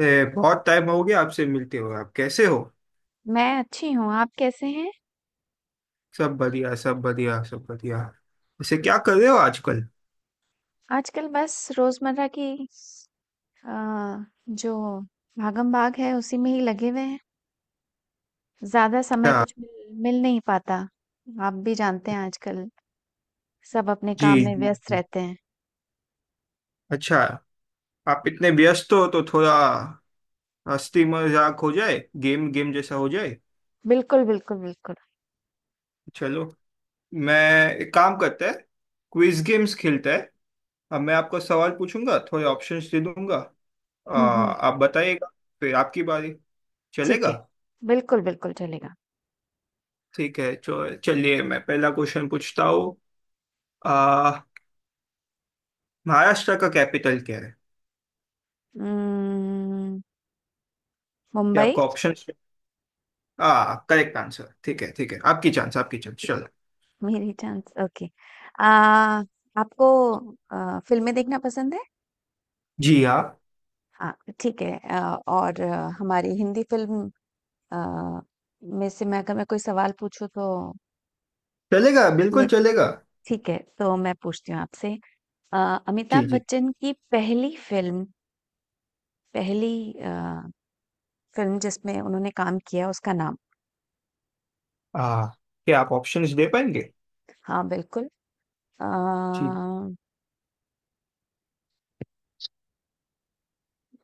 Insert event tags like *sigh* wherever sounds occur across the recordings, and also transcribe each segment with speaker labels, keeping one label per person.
Speaker 1: ए, बहुत टाइम हो गया आपसे मिलते हुए, आप कैसे हो?
Speaker 2: मैं अच्छी हूँ, आप कैसे हैं?
Speaker 1: सब बढ़िया, सब बढ़िया, सब बढ़िया। वैसे क्या कर रहे हो आजकल?
Speaker 2: आजकल बस रोज़मर्रा की जो भागम-भाग है उसी में ही लगे हुए हैं। ज़्यादा समय
Speaker 1: अच्छा।
Speaker 2: कुछ मिल मिल नहीं पाता। आप भी जानते हैं आजकल सब अपने
Speaker 1: जी,
Speaker 2: काम में
Speaker 1: जी
Speaker 2: व्यस्त
Speaker 1: जी।
Speaker 2: रहते हैं।
Speaker 1: अच्छा, आप इतने व्यस्त हो तो थोड़ा हंसी मजाक हो जाए, गेम गेम जैसा हो जाए।
Speaker 2: बिल्कुल, बिल्कुल, बिल्कुल।
Speaker 1: चलो, मैं एक काम करते हैं, क्विज गेम्स खेलते हैं। अब मैं आपको सवाल पूछूंगा, थोड़े ऑप्शंस दे दूंगा,
Speaker 2: हुँ, हुँ।
Speaker 1: आप बताइएगा। फिर आपकी बारी।
Speaker 2: ठीक
Speaker 1: चलेगा?
Speaker 2: है। बिल्कुल, बिल्कुल चलेगा।
Speaker 1: ठीक है, चलिए मैं पहला क्वेश्चन पूछता हूँ। महाराष्ट्र का कैपिटल क्या है?
Speaker 2: उम्म,
Speaker 1: क्या
Speaker 2: मुंबई
Speaker 1: आपका ऑप्शन? आ करेक्ट आंसर। ठीक है, ठीक है। आपकी चांस, आपकी चांस, चलो।
Speaker 2: मेरी चांस ओके। आपको फ़िल्में देखना पसंद है?
Speaker 1: जी हाँ।
Speaker 2: हाँ, ठीक है। और हमारी हिंदी फ़िल्म अ, मेरे से मैं अगर मैं कोई सवाल पूछूँ तो
Speaker 1: चलेगा,
Speaker 2: मैं
Speaker 1: बिल्कुल चलेगा।
Speaker 2: ठीक है, तो मैं पूछती हूँ आपसे। अ,
Speaker 1: जी
Speaker 2: अमिताभ
Speaker 1: जी।
Speaker 2: बच्चन की पहली फ़िल्म पहली अ, फ़िल्म जिसमें उन्होंने काम किया उसका नाम?
Speaker 1: आ क्या आप ऑप्शंस दे पाएंगे?
Speaker 2: हाँ, बिल्कुल। अ,
Speaker 1: जी।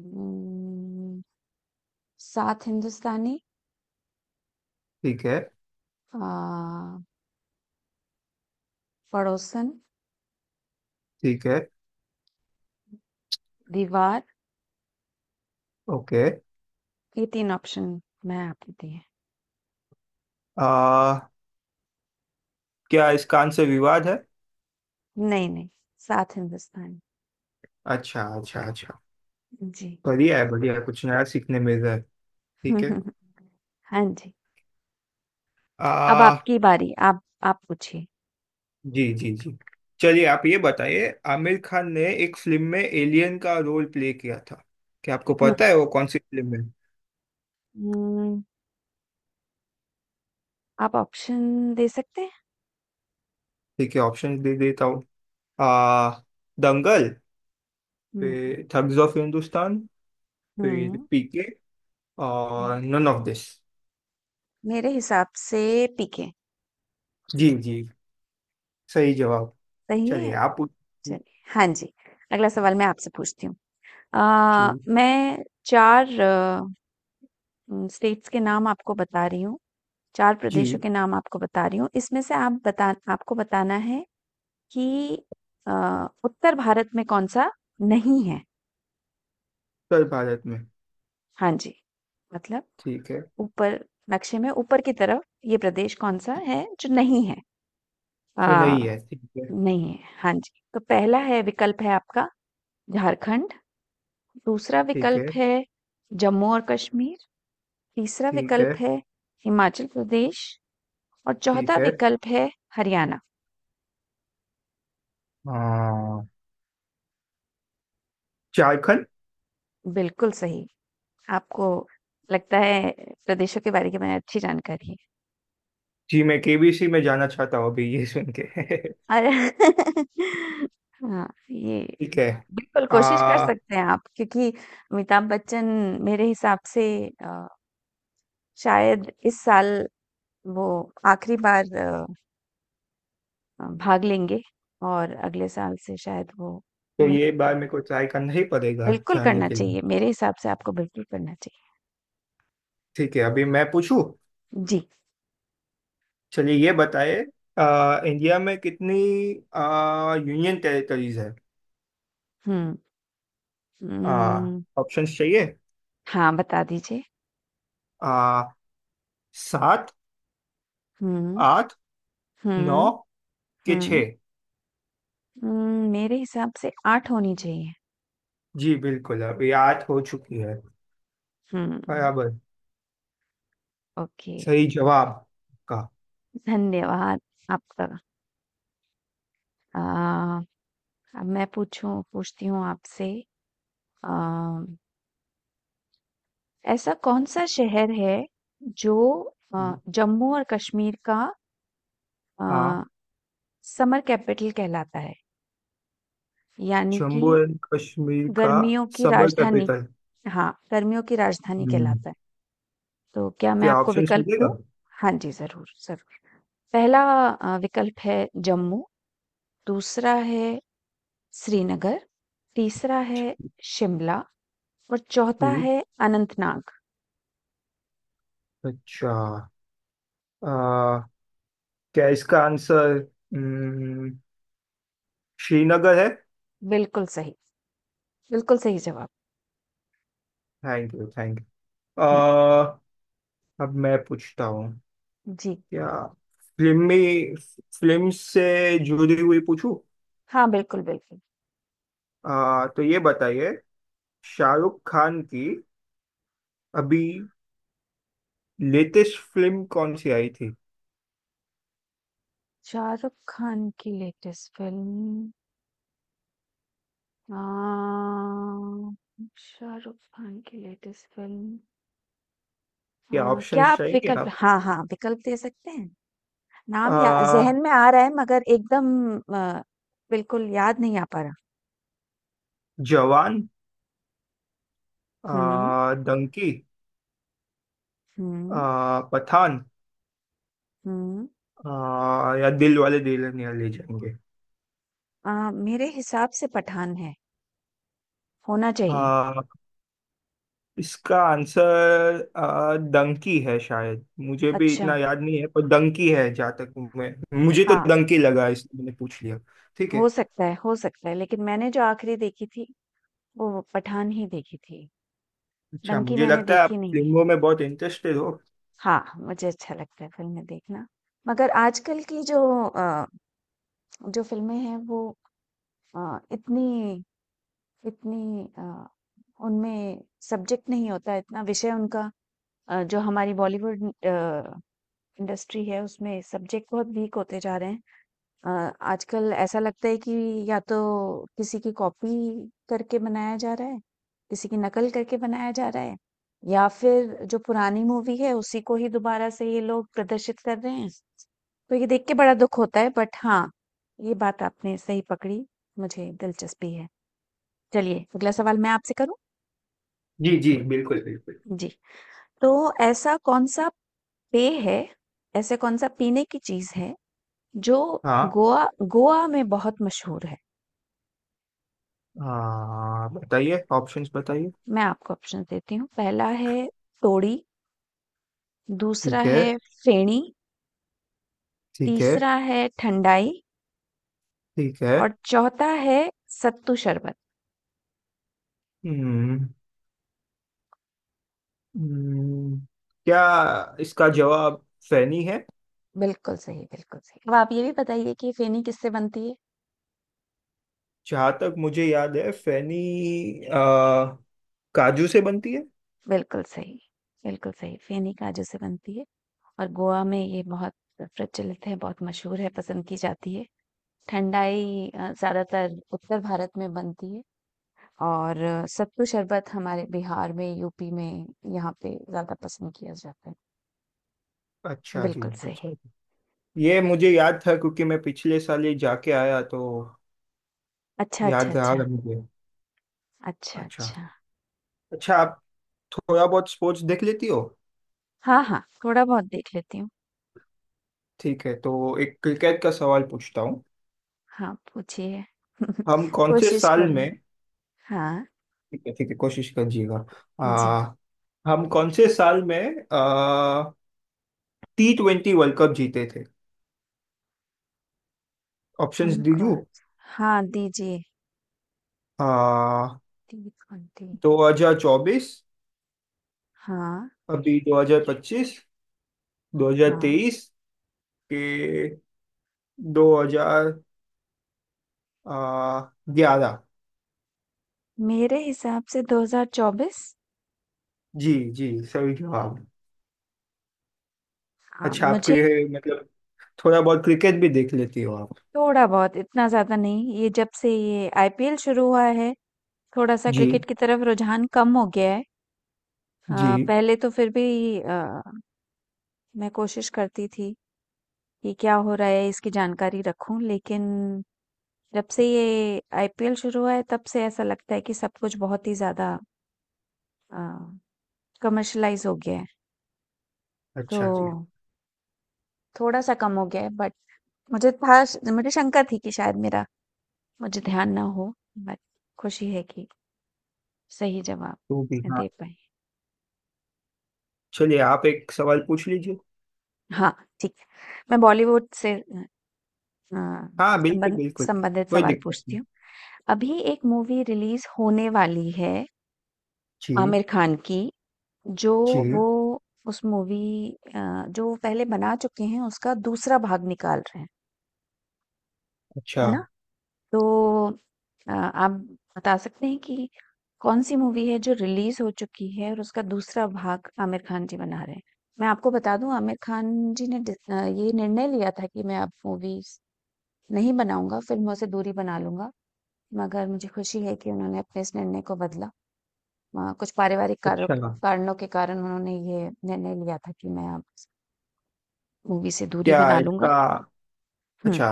Speaker 2: उम, सात हिंदुस्तानी,
Speaker 1: ठीक है,
Speaker 2: अ, पड़ोसन,
Speaker 1: ठीक है।
Speaker 2: दीवार
Speaker 1: ओके।
Speaker 2: ये 3 ऑप्शन मैं आपको दिए हैं।
Speaker 1: आ क्या इसका आंसर विवाद है?
Speaker 2: नहीं, नहीं, सात हिंदुस्तानी।
Speaker 1: अच्छा, अच्छा, अच्छा।
Speaker 2: जी।
Speaker 1: बढ़िया है, बढ़िया है, कुछ नया सीखने मिल रहा है। ठीक है।
Speaker 2: *laughs* हाँ जी। अब
Speaker 1: आ
Speaker 2: आपकी बारी, आप पूछिए।
Speaker 1: जी जी जी। चलिए, आप ये बताइए, आमिर खान ने एक फिल्म में एलियन का रोल प्ले किया था। क्या आपको
Speaker 2: हुँ।
Speaker 1: पता है वो कौन सी फिल्म है?
Speaker 2: हुँ, आप ऑप्शन दे सकते हैं?
Speaker 1: ठीक है, ऑप्शन दे देता हूँ। आ दंगल,
Speaker 2: हुँ,
Speaker 1: फिर थग्स ऑफ हिंदुस्तान, फिर
Speaker 2: हुँ,
Speaker 1: पीके,
Speaker 2: हुँ।
Speaker 1: और नन ऑफ दिस।
Speaker 2: मेरे हिसाब से पीके,
Speaker 1: जी जी, सही जवाब।
Speaker 2: सही है?
Speaker 1: चलिए, आप
Speaker 2: चलिए, हाँ जी। अगला सवाल मैं आपसे पूछती हूँ।
Speaker 1: जी
Speaker 2: मैं 4 स्टेट्स के नाम आपको बता रही हूँ, 4 प्रदेशों
Speaker 1: जी।
Speaker 2: के नाम आपको बता रही हूँ। इसमें से आप बता आपको बताना है कि अ, उत्तर भारत में कौन-सा नहीं है?
Speaker 1: उत्तर भारत में,
Speaker 2: हाँ जी, मतलब
Speaker 1: ठीक है,
Speaker 2: ऊपर नक्शे में ऊपर की तरफ ये प्रदेश कौन-सा है जो नहीं है? अ
Speaker 1: जो नहीं है, ठीक है,
Speaker 2: नहीं है, हाँ जी। तो पहला है विकल्प है आपका झारखंड, दूसरा
Speaker 1: ठीक है,
Speaker 2: विकल्प है जम्मू और कश्मीर, तीसरा
Speaker 1: ठीक है,
Speaker 2: विकल्प है हिमाचल प्रदेश और
Speaker 1: ठीक
Speaker 2: चौथा
Speaker 1: है।
Speaker 2: विकल्प है हरियाणा।
Speaker 1: हाँ, झारखंड।
Speaker 2: बिल्कुल सही, आपको लगता है प्रदेशों के बारे के में अच्छी जानकारी है।
Speaker 1: जी, मैं केबीसी में जाना चाहता हूँ अभी ये सुन के *laughs*
Speaker 2: और *laughs* हाँ, ये
Speaker 1: ठीक है।
Speaker 2: बिल्कुल
Speaker 1: आ
Speaker 2: कोशिश कर सकते हैं आप क्योंकि अमिताभ बच्चन मेरे हिसाब से अ, शायद इस साल वो आखिरी बार भाग लेंगे और अगले साल से शायद वो
Speaker 1: तो
Speaker 2: नहीं
Speaker 1: ये बार मेरे को
Speaker 2: करेंगे।
Speaker 1: ट्राई करना ही पड़ेगा
Speaker 2: बिल्कुल
Speaker 1: जानने
Speaker 2: करना
Speaker 1: के लिए।
Speaker 2: चाहिए, मेरे हिसाब से आपको बिल्कुल करना चाहिए।
Speaker 1: ठीक है, अभी मैं पूछूं।
Speaker 2: जी,
Speaker 1: चलिए, ये बताइए, इंडिया में कितनी यूनियन टेरिटरीज है?
Speaker 2: हुँ, उम,
Speaker 1: ऑप्शंस चाहिए?
Speaker 2: हाँ, बता दीजिए।
Speaker 1: आ, सात,
Speaker 2: हुँ,
Speaker 1: आठ, नौ,
Speaker 2: हुँ,
Speaker 1: के
Speaker 2: हुँ,
Speaker 1: छः।
Speaker 2: मेरे हिसाब से 8 होनी चाहिए।
Speaker 1: जी बिल्कुल, अभी 8 हो चुकी है,
Speaker 2: हुँ,
Speaker 1: बराबर।
Speaker 2: ओके,
Speaker 1: सही जवाब का।
Speaker 2: धन्यवाद आपका। अ, अब मैं पूछूँ पूछती हूँ आपसे अ, ऐसा कौन-सा शहर है जो जम्मू और कश्मीर का अ
Speaker 1: हाँ,
Speaker 2: समर कैपिटल कहलाता है यानी कि
Speaker 1: जम्मू एंड कश्मीर का
Speaker 2: गर्मियों की
Speaker 1: समर
Speaker 2: राजधानी
Speaker 1: कैपिटल।
Speaker 2: हाँ गर्मियों की राजधानी
Speaker 1: हम्म।
Speaker 2: कहलाता है तो क्या मैं
Speaker 1: क्या
Speaker 2: आपको
Speaker 1: ऑप्शंस
Speaker 2: विकल्प दूं
Speaker 1: मिलेगा?
Speaker 2: हाँ जी जरूर जरूर पहला विकल्प है जम्मू दूसरा है श्रीनगर तीसरा है शिमला और चौथा
Speaker 1: हम्म।
Speaker 2: है अनंतनाग
Speaker 1: अच्छा। आ, क्या इसका आंसर हम्म, श्रीनगर है?
Speaker 2: बिल्कुल सही बिल्कुल सही जवाब
Speaker 1: thank you, thank
Speaker 2: hmm
Speaker 1: you. अब मैं पूछता हूँ।
Speaker 2: जी
Speaker 1: क्या फिल्म में फिल्म से जुड़ी हुई पूछूं?
Speaker 2: हाँ बिल्कुल बिल्कुल
Speaker 1: तो ये बताइए, शाहरुख खान की अभी लेटेस्ट फिल्म कौन सी आई थी?
Speaker 2: शाहरुख खान की लेटेस्ट फिल्म अ, शाहरुख खान की लेटेस्ट फिल्म अ,
Speaker 1: क्या ऑप्शन
Speaker 2: क्या आप
Speaker 1: चाहिए
Speaker 2: विकल्प
Speaker 1: आप?
Speaker 2: हाँ हाँ विकल्प दे सकते हैं नाम या
Speaker 1: आ,
Speaker 2: जहन में आ रहा है मगर एकदम अ, बिल्कुल याद नहीं आ पा रहा
Speaker 1: जवान,
Speaker 2: हम्म
Speaker 1: डंकी,
Speaker 2: हम्म
Speaker 1: पठान,
Speaker 2: हम्म
Speaker 1: या दिल वाले दुल्हनिया ले जाएंगे।
Speaker 2: मेरे हिसाब से पठान है होना चाहिए
Speaker 1: आ, इसका आंसर डंकी है शायद, मुझे भी
Speaker 2: अच्छा
Speaker 1: इतना याद नहीं है, पर डंकी है जहाँ तक मैं। मुझे तो
Speaker 2: हाँ
Speaker 1: डंकी लगा, इसलिए मैंने पूछ लिया। ठीक है।
Speaker 2: हो सकता है लेकिन मैंने जो आखिरी देखी थी वो पठान ही देखी थी
Speaker 1: अच्छा,
Speaker 2: डंकी
Speaker 1: मुझे
Speaker 2: मैंने
Speaker 1: लगता है आप
Speaker 2: देखी नहीं है
Speaker 1: फिल्मों में बहुत इंटरेस्टेड हो।
Speaker 2: हाँ, मुझे अच्छा लगता है फ़िल्में देखना। मगर आजकल की जो अ, जो फ़िल्में हैं वो इतनी इतनी उनमें सब्जेक्ट नहीं होता है, इतना विषय उनका जो हमारी बॉलीवुड इंडस्ट्री है उसमें सब्जेक्ट बहुत वीक होते जा रहे हैं। अ, आजकल ऐसा लगता है कि या तो किसी की कॉपी करके बनाया जा रहा है, किसी की नकल करके बनाया जा रहा है या फिर जो पुरानी मूवी है उसी को ही दोबारा से ये लोग प्रदर्शित कर रहे हैं। तो ये देख के बड़ा दुःख होता है बट हाँ, ये बात आपने सही पकड़ी, मुझे दिलचस्पी है। चलिए अगला सवाल मैं आपसे करूँ?
Speaker 1: जी जी, बिल्कुल बिल्कुल।
Speaker 2: जी, तो ऐसा कौन-सा पेय है, ऐसे कौन-सा पीने की चीज़ है जो
Speaker 1: हाँ
Speaker 2: गोवा गोवा में बहुत मशहूर है?
Speaker 1: हाँ, बताइए, ऑप्शंस बताइए।
Speaker 2: मैं आपको ऑप्शंस देती हूँ पहला है तोड़ी दूसरा
Speaker 1: ठीक है,
Speaker 2: है फेणी
Speaker 1: ठीक है,
Speaker 2: तीसरा है ठंडाई
Speaker 1: ठीक है।
Speaker 2: और चौथा है सत्तू शरबत
Speaker 1: हम्म हम्म, क्या इसका जवाब फैनी है?
Speaker 2: बिल्कुल सही अब आप ये भी बताइए कि फेनी किससे बनती है
Speaker 1: जहाँ तक मुझे याद है, फैनी अ, काजू से बनती है।
Speaker 2: बिल्कुल सही बिल्कुल सही फेनी काजू से बनती है और गोवा में ये बहुत प्रचलित है बहुत मशहूर है पसंद की जाती है ठंडाई ज्यादातर उत्तर भारत में बनती है और सत्तू शरबत हमारे बिहार में यूपी में यहाँ पे ज्यादा पसंद किया जाता है
Speaker 1: अच्छा जी,
Speaker 2: बिल्कुल सही।
Speaker 1: अच्छा जी। ये मुझे याद था क्योंकि मैं पिछले साल ये जाके आया तो
Speaker 2: अच्छा, अच्छा,
Speaker 1: याद रहा
Speaker 2: अच्छा।
Speaker 1: मुझे।
Speaker 2: अच्छा,
Speaker 1: अच्छा।
Speaker 2: अच्छा।
Speaker 1: अच्छा, आप थोड़ा बहुत स्पोर्ट्स देख लेती हो?
Speaker 2: हाँ, हाँ, थोड़ा-बहुत देख लेती हूँ।
Speaker 1: ठीक है, तो एक क्रिकेट का सवाल पूछता हूँ।
Speaker 2: हाँ, पूछिए। *laughs*
Speaker 1: हम कौन से
Speaker 2: कोशिश
Speaker 1: साल में।
Speaker 2: करूँ। हाँ,
Speaker 1: ठीक है, ठीक है, कोशिश करिएगा।
Speaker 2: जी।
Speaker 1: आ, हम कौन से साल में T20 वर्ल्ड कप जीते थे? ऑप्शंस
Speaker 2: हम
Speaker 1: दीजू।
Speaker 2: कौन हाँ, दीजिए।
Speaker 1: आ,
Speaker 2: T20
Speaker 1: 2024,
Speaker 2: हाँ,
Speaker 1: अभी 2025,
Speaker 2: हाँ।
Speaker 1: 2023, के 2027, आ, 11।
Speaker 2: मेरे हिसाब से 2024
Speaker 1: जी जी, सही जवाब।
Speaker 2: हाँ,
Speaker 1: अच्छा, आपको
Speaker 2: मुझे
Speaker 1: ये मतलब थोड़ा बहुत क्रिकेट भी देख लेती हो आप?
Speaker 2: थोड़ा-बहुत इतना ज़्यादा नहीं, ये जब से ये आईपीएल शुरू हुआ है, थोड़ा-सा
Speaker 1: जी।
Speaker 2: क्रिकेट की तरफ रुझान कम हो गया है।
Speaker 1: जी,
Speaker 2: पहले तो फिर भी अ, मैं कोशिश करती थी कि क्या हो रहा है इसकी जानकारी रखूँ लेकिन जब से ये आईपीएल शुरू हुआ है तब से ऐसा लगता है कि सब कुछ बहुत ही ज़्यादा अ, कमर्शियलाइज़ हो गया है। तो
Speaker 1: अच्छा जी।
Speaker 2: थोड़ा-सा कम हो गया है बट मुझे था श मुझे शंका थी कि शायद मेरा मुझे ध्यान ना हो बट खुशी है कि सही जवाब
Speaker 1: तो भी,
Speaker 2: मैं
Speaker 1: हाँ।
Speaker 2: दे पाई।
Speaker 1: चलिए, आप एक सवाल पूछ लीजिए।
Speaker 2: हाँ, ठीक है। मैं बॉलीवुड से अ,
Speaker 1: हाँ बिल्कुल बिल्कुल।
Speaker 2: संबंधित
Speaker 1: कोई
Speaker 2: सवाल
Speaker 1: दिक्कत
Speaker 2: पूछती
Speaker 1: नहीं।
Speaker 2: हूँ। अभी एक मूवी रिलीज़ होने वाली है
Speaker 1: जी
Speaker 2: आमिर खान की। जो
Speaker 1: जी।
Speaker 2: वो उस मूवी अ, जो वो पहले बना चुके हैं उसका दूसरा भाग निकाल रहे हैं,
Speaker 1: अच्छा।
Speaker 2: है ना? तो आप बता सकते हैं कि कौन-सी मूवी है जो रिलीज़ हो चुकी है और उसका दूसरा भाग आमिर खान जी बना रहे हैं? मैं आपको बता दूँ आमिर खान जी ने ये निर्णय लिया था कि मैं अब मूवीज़ नहीं बनाऊँगा, फ़िल्मों से दूरी बना लूँगा। मगर मुझे खुशी है कि उन्होंने अपने इस निर्णय को बदला। कुछ पारिवारिक कारों
Speaker 1: अच्छा,
Speaker 2: कारणों के कारण उन्होंने ये निर्णय लिया था कि मैं अब मूवी से दूरी
Speaker 1: क्या
Speaker 2: बना लूंगा
Speaker 1: इसका
Speaker 2: हम्म
Speaker 1: अच्छा,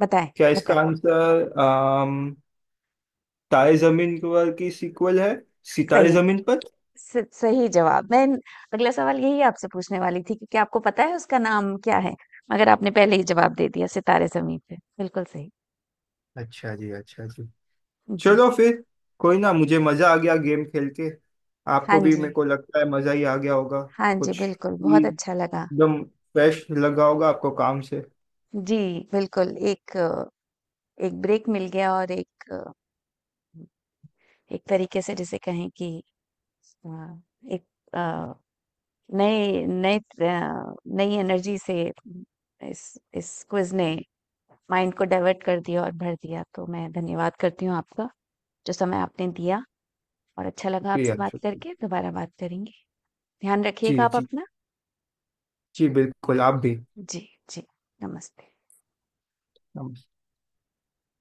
Speaker 2: बताएं
Speaker 1: क्या इसका
Speaker 2: बताएं
Speaker 1: आंसर तारे जमीन पर की सीक्वल है? सितारे
Speaker 2: सही
Speaker 1: जमीन पर।
Speaker 2: सही जवाब मैं अगला सवाल यही आपसे पूछने वाली थी कि क्या आपको पता है उसका नाम क्या है मगर आपने पहले ही जवाब दे दिया सितारे जमीन पे बिल्कुल सही
Speaker 1: अच्छा जी, अच्छा जी।
Speaker 2: जी
Speaker 1: चलो फिर। कोई ना, मुझे मजा आ गया गेम खेल के।
Speaker 2: हाँ
Speaker 1: आपको भी, ठीक, मेरे
Speaker 2: जी
Speaker 1: को लगता है मजा ही आ गया होगा।
Speaker 2: हाँ जी
Speaker 1: कुछ
Speaker 2: बिल्कुल
Speaker 1: भी
Speaker 2: बहुत अच्छा लगा
Speaker 1: एकदम फ्रेश लगा होगा आपको काम से।
Speaker 2: जी बिल्कुल एक ब्रेक मिल गया और एक तरीके से जिसे कहें कि अ, एक अ, नए नए अ, नई एनर्जी से इस इस क्विज ने माइंड को डाइवर्ट कर दिया और भर दिया। तो मैं धन्यवाद करती हूँ आपका, जो समय आपने दिया और अच्छा लगा आपसे
Speaker 1: शुक्रिया,
Speaker 2: बात
Speaker 1: शुक्रिया।
Speaker 2: करके, दोबारा बात करेंगे। ध्यान रखिएगा
Speaker 1: जी
Speaker 2: आप
Speaker 1: जी।
Speaker 2: अपना।
Speaker 1: जी बिल्कुल, आप भी।
Speaker 2: जी, जी। नमस्ते।